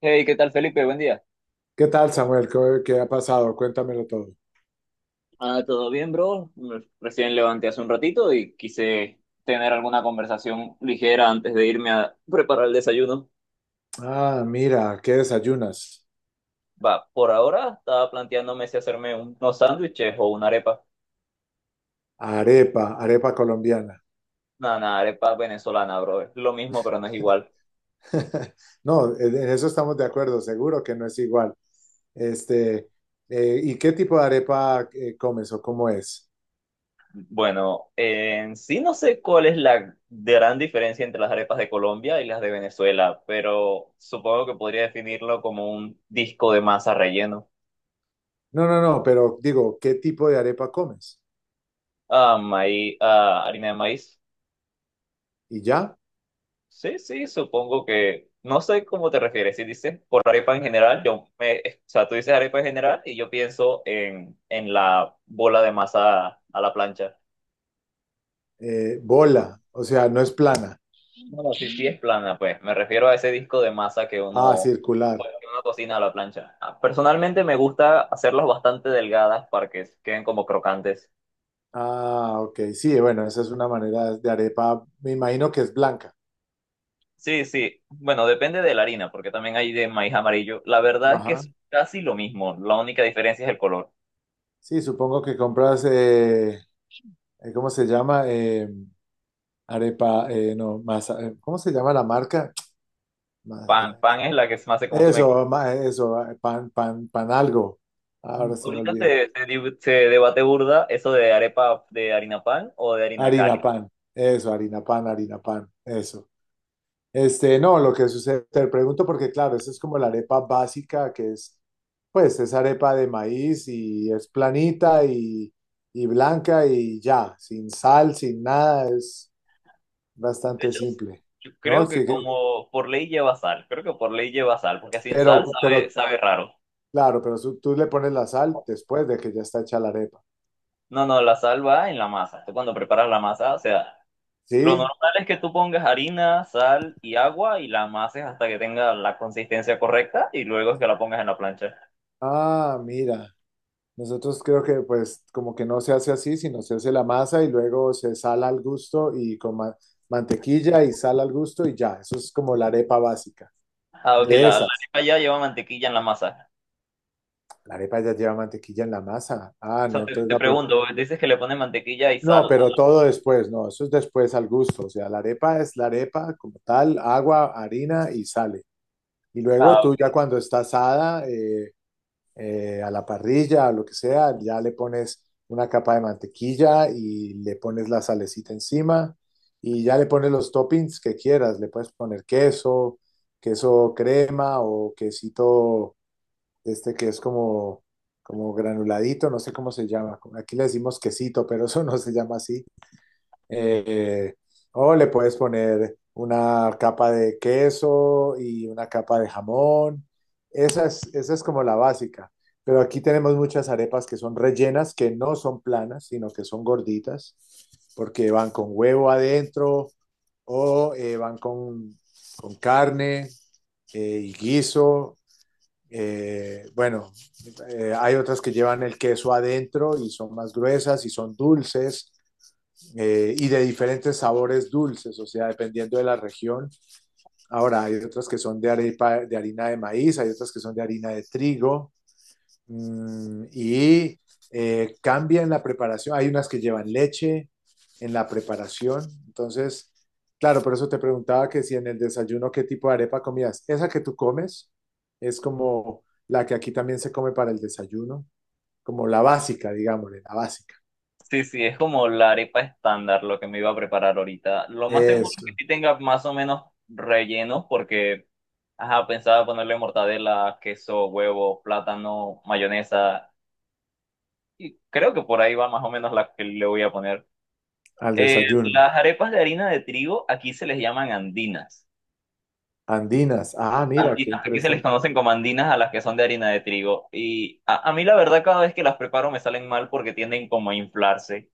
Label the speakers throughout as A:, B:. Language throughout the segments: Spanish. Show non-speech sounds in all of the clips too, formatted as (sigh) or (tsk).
A: Hey, ¿qué tal, Felipe? Buen día.
B: ¿Qué tal, Samuel? ¿Qué ha pasado? Cuéntamelo todo.
A: Ah, ¿todo bien, bro? Recién levanté hace un ratito y quise tener alguna conversación ligera antes de irme a preparar el desayuno.
B: Ah, mira, ¿qué desayunas?
A: Va, por ahora estaba planteándome si hacerme unos sándwiches o una arepa.
B: Arepa, arepa colombiana.
A: Nada, nada, arepa venezolana, bro. Es lo mismo, pero no es igual.
B: (laughs) No, en eso estamos de acuerdo, seguro que no es igual. Este, ¿y qué tipo de arepa comes o cómo es?
A: Bueno, en sí no sé cuál es la gran diferencia entre las arepas de Colombia y las de Venezuela, pero supongo que podría definirlo como un disco de masa relleno.
B: No, no, no, pero digo, ¿qué tipo de arepa comes?
A: Maíz, harina de maíz.
B: Y ya,
A: Sí, sí, supongo que, no sé cómo te refieres, si dices por arepa en general, o sea, tú dices arepa en general y yo pienso en la bola de masa a la plancha.
B: bola, o sea, no es plana.
A: No, sí, sí es plana, pues, me refiero a ese disco de masa,
B: Ah, circular.
A: pues, que uno cocina a la plancha. Personalmente me gusta hacerlas bastante delgadas para que queden como crocantes.
B: Ah, ok, sí, bueno, esa es una manera de arepa, me imagino que es blanca.
A: Sí, sí, bueno, depende de la harina, porque también hay de maíz amarillo. La verdad es que
B: Ajá.
A: es casi lo mismo, la única diferencia es el color.
B: Sí, supongo que compras, ¿cómo se llama? Arepa, no, masa, ¿cómo se llama la marca? (tsk) Ma-
A: Pan,
B: eh,
A: pan es la que más se consume.
B: Eso, eso, pan, pan, pan algo. Ahora
A: Mm.
B: se me
A: Ahorita
B: olvida.
A: se debate burda eso de arepa de harina pan o de harina cal.
B: Harina pan, eso, harina pan, eso. Este, no, lo que sucede, te pregunto porque claro, esa es como la arepa básica que es, pues es arepa de maíz y es planita y blanca y ya, sin sal, sin nada, es
A: De
B: bastante
A: hecho,
B: simple,
A: yo
B: ¿no?
A: creo que como por ley lleva sal, creo que por ley lleva sal, porque sin sal
B: Pero,
A: sabe,
B: pero,
A: sabe raro.
B: claro, pero tú le pones la sal después de que ya está hecha la arepa,
A: No, no, la sal va en la masa. Tú cuando preparas la masa, o sea, lo
B: ¿sí?
A: normal es que tú pongas harina, sal y agua y la amases hasta que tenga la consistencia correcta y luego es que la pongas en la plancha.
B: Ah, mira, nosotros creo que pues como que no se hace así, sino se hace la masa y luego se sala al gusto y con mantequilla y sal al gusto y ya, eso es como la arepa básica,
A: Ok,
B: de
A: la
B: esas.
A: arepa ya lleva mantequilla en la masa.
B: La arepa ya lleva mantequilla en la masa. Ah,
A: O sea,
B: no,
A: te,
B: entonces
A: te pregunto, dices que le pones mantequilla y
B: No,
A: sal.
B: pero todo después, no, eso es después al gusto, o sea, la arepa es la arepa como tal, agua, harina y sale. Y luego tú ya cuando está asada a la parrilla, a lo que sea, ya le pones una capa de mantequilla y le pones la salecita encima y ya le pones los toppings que quieras. Le puedes poner queso, queso crema o quesito este que es como granuladito, no sé cómo se llama. Aquí le decimos quesito, pero (laughs) eso no se llama así. Eh, o le puedes poner una capa de queso y una capa de jamón. Esa es como la básica. Pero aquí tenemos muchas arepas que son rellenas, que no son planas, sino que son gorditas, porque van con huevo adentro o van con carne y guiso. Bueno, hay otras que llevan el queso adentro y son más gruesas y son dulces y de diferentes sabores dulces, o sea, dependiendo de la región. Ahora, hay otras que son de, arepa, de harina de maíz, hay otras que son de harina de trigo, y cambia en la preparación. Hay unas que llevan leche en la preparación. Entonces, claro, por eso te preguntaba que si en el desayuno qué tipo de arepa comías. Esa que tú comes es como la que aquí también se come para el desayuno, como la básica, digámosle, la básica.
A: Sí, sí, es como la arepa estándar lo que me iba a preparar ahorita. Lo más seguro es que
B: Eso,
A: sí tenga más o menos relleno porque, ajá, pensaba ponerle mortadela, queso, huevo, plátano, mayonesa y creo que por ahí va más o menos la que le voy a poner.
B: al
A: Eh,
B: desayuno.
A: las arepas de harina de trigo aquí se les llaman andinas.
B: Andinas. Ah, mira, qué
A: Andinas, aquí se les
B: interesante.
A: conocen como andinas a las que son de harina de trigo. Y a mí la verdad cada vez que las preparo me salen mal porque tienden como a inflarse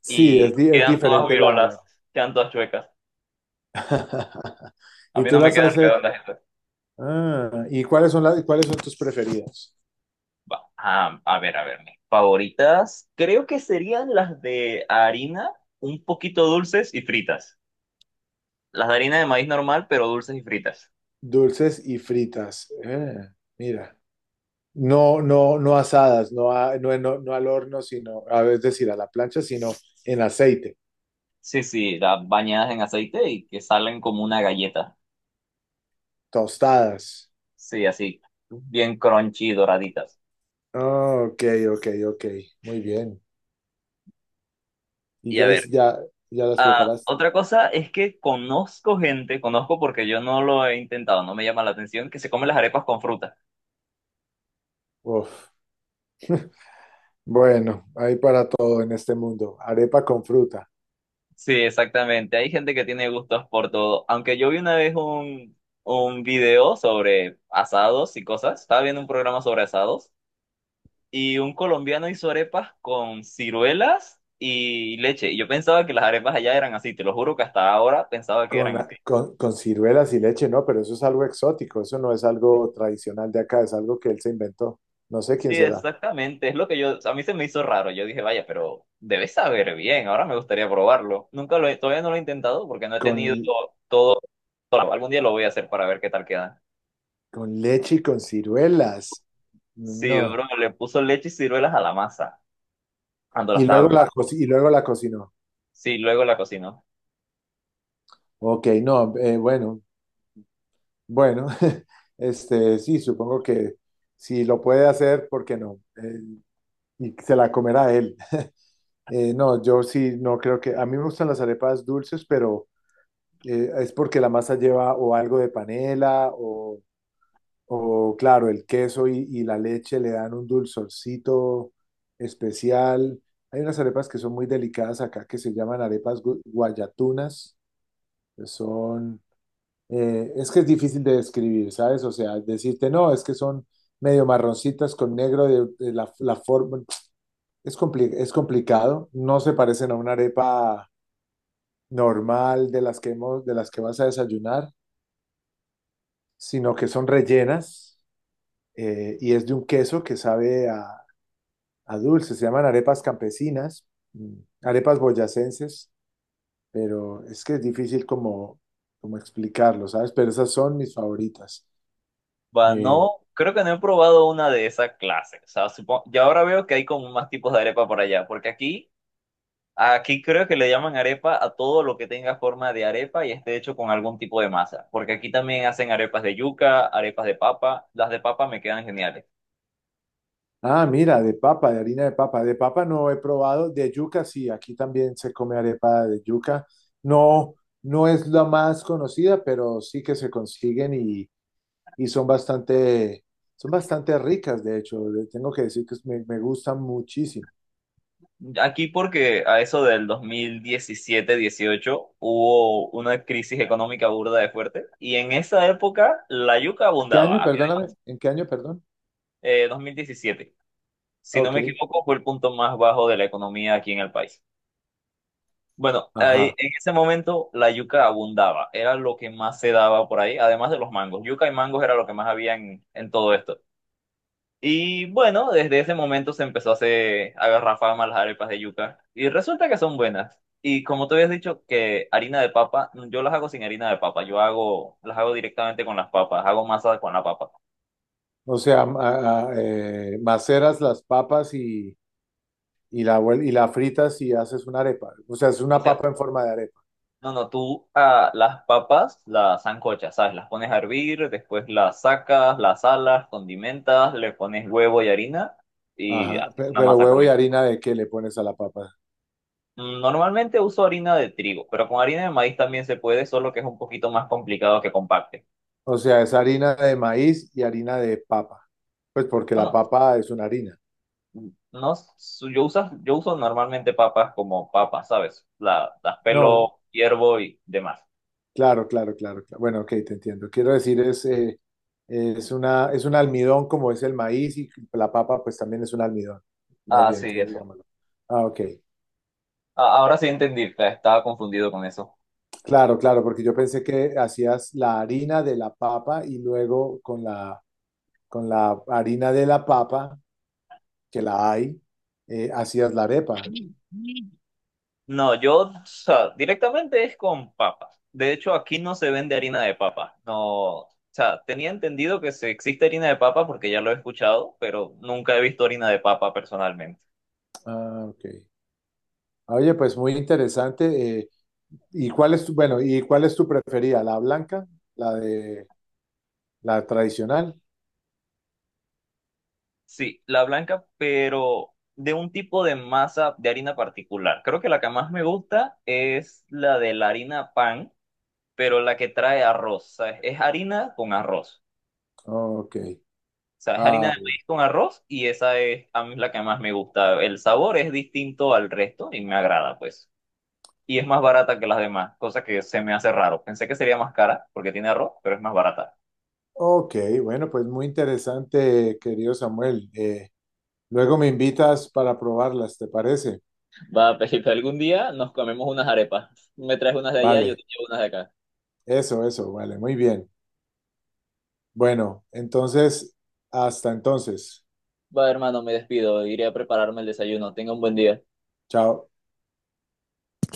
B: Sí,
A: y
B: es, es
A: quedan todas
B: diferente la
A: virolas,
B: vaina.
A: quedan todas chuecas.
B: (laughs)
A: A
B: Y
A: mí
B: tú
A: no me
B: las
A: quedan
B: haces.
A: redondas estas.
B: Ah, ¿y cuáles son cuáles son tus preferidas?
A: Va, a ver, mis favoritas creo que serían las de harina, un poquito dulces y fritas. Las de harina de maíz normal, pero dulces y fritas.
B: Dulces y fritas. Mira. No, no, no asadas, no, no, no, no al horno, sino, a ver, es decir, a la plancha, sino en aceite,
A: Sí, sí, las bañadas en aceite y que salen como una galleta.
B: tostadas.
A: Sí, así, bien crunchy y doraditas.
B: Ah, ok, ok, ok. Muy bien. ¿Y
A: Y a ver,
B: ya las preparaste?
A: otra cosa es que conozco gente, conozco porque yo no lo he intentado, no me llama la atención, que se come las arepas con fruta.
B: Uf. Bueno, hay para todo en este mundo. Arepa con fruta.
A: Sí, exactamente. Hay gente que tiene gustos por todo. Aunque yo vi una vez un video sobre asados y cosas. Estaba viendo un programa sobre asados y un colombiano hizo arepas con ciruelas y leche. Y yo pensaba que las arepas allá eran así. Te lo juro que hasta ahora pensaba que
B: Con,
A: eran así.
B: con ciruelas y leche, no, pero eso es algo exótico, eso no es algo tradicional de acá, es algo que él se inventó. No sé
A: Sí,
B: quién será.
A: exactamente. Es lo que yo, a mí se me hizo raro. Yo dije, vaya, pero debes saber bien. Ahora me gustaría probarlo. Nunca lo he, todavía no lo he intentado porque no he
B: Con,
A: tenido todo, todo. Algún día lo voy a hacer para ver qué tal queda.
B: con leche y con ciruelas.
A: Sí,
B: No.
A: bro, le puso leche y ciruelas a la masa cuando la
B: Y
A: estaba
B: luego
A: preparando.
B: la cocinó.
A: Sí, luego la cocinó.
B: Ok, no, bueno, bueno, (laughs) este, sí, supongo que si lo puede hacer, ¿por qué no? Y se la comerá él. No, yo sí, no creo que, a mí me gustan las arepas dulces, pero es porque la masa lleva o algo de panela O claro, el queso y la leche le dan un dulzorcito especial. Hay unas arepas que son muy delicadas acá que se llaman arepas guayatunas, que Son, es que es difícil de describir, ¿sabes? O sea, decirte, no, es que son medio marroncitas con negro de la forma. Es complicado. No se parecen a una arepa normal de las que de las que vas a desayunar, sino que son rellenas, y es de un queso que sabe a dulces, se llaman arepas campesinas, mm, arepas boyacenses, pero es que es difícil como explicarlo, ¿sabes? Pero esas son mis favoritas.
A: Va,
B: Eh,
A: no, creo que no he probado una de esas clases. O sea, supongo, y ahora veo que hay como más tipos de arepa por allá, porque aquí creo que le llaman arepa a todo lo que tenga forma de arepa y esté hecho con algún tipo de masa. Porque aquí también hacen arepas de yuca, arepas de papa. Las de papa me quedan geniales.
B: ah, mira, de papa, de harina de papa. De papa no he probado, de yuca sí, aquí también se come arepa de yuca. No, no es la más conocida, pero sí que se consiguen y son bastante ricas, de hecho. Tengo que decir que me gustan muchísimo.
A: Aquí porque a eso del 2017-18 hubo una crisis económica burda de fuerte y en esa época la yuca
B: ¿En qué año,
A: abundaba.
B: perdóname? ¿En qué año, perdón?
A: 2017, si no
B: Ok.
A: me equivoco, fue el punto más bajo de la economía aquí en el país. Bueno, ahí,
B: Ajá.
A: en ese momento la yuca abundaba, era lo que más se daba por ahí, además de los mangos. Yuca y mangos era lo que más había en todo esto. Y bueno, desde ese momento se empezó a hacer, a agarrar fama las arepas de yuca. Y resulta que son buenas. Y como te habías dicho que harina de papa, yo las hago sin harina de papa, las hago directamente con las papas, hago masa con la papa.
B: O sea, maceras las papas y la fritas y haces una arepa. O sea, es
A: O
B: una
A: sea,
B: papa en forma de arepa.
A: no, no, tú las papas las sancochas, ¿sabes? Las pones a hervir, después las sacas, las salas, condimentas, le pones huevo y harina y
B: Ajá.
A: haces una
B: Pero
A: masa con
B: huevo y
A: eso.
B: harina de qué le pones a la papa.
A: Normalmente uso harina de trigo, pero con harina de maíz también se puede, solo que es un poquito más complicado que compacte.
B: O sea, es harina de maíz y harina de papa. Pues porque la
A: Bueno,
B: papa es una harina.
A: no, yo uso normalmente papas como papas, ¿sabes? Las
B: No,
A: pelo, hiervo y demás.
B: claro, claro, claro, claro. Bueno, ok, te entiendo. Quiero decir, es un almidón como es el maíz y la papa pues también es un almidón. Más
A: Ah,
B: bien,
A: sí,
B: entonces
A: eso.
B: digámoslo. Ah, ok.
A: Ah, ahora sí entendí, estaba confundido con eso.
B: Claro, claro, porque yo pensé que hacías la harina de la papa y luego con la harina de la papa, que la hay, hacías la arepa.
A: No, yo, o sea, directamente es con papas. De hecho, aquí no se vende harina de papa. No, o sea, tenía entendido que se existe harina de papa porque ya lo he escuchado, pero nunca he visto harina de papa personalmente.
B: Ah, ok. Oye, pues muy interesante. ¿Y cuál es tu preferida? ¿La blanca? ¿La de la tradicional?
A: Sí, la blanca, pero de un tipo de masa de harina particular. Creo que la que más me gusta es la de la harina pan, pero la que trae arroz. ¿Sabes? Es harina con arroz.
B: Ok.
A: O sea, es harina
B: Ah,
A: de maíz con arroz y esa es a mí la que más me gusta. El sabor es distinto al resto y me agrada, pues. Y es más barata que las demás, cosa que se me hace raro. Pensé que sería más cara porque tiene arroz, pero es más barata.
B: ok, bueno, pues muy interesante, querido Samuel. Luego me invitas para probarlas, ¿te parece?
A: Va, Pepito, algún día nos comemos unas arepas. Me traes unas de allá, yo
B: Vale,
A: te llevo unas de acá.
B: eso, vale, muy bien. Bueno, entonces, hasta entonces.
A: Va, hermano, me despido. Iré a prepararme el desayuno. Tenga un buen día.
B: Chao.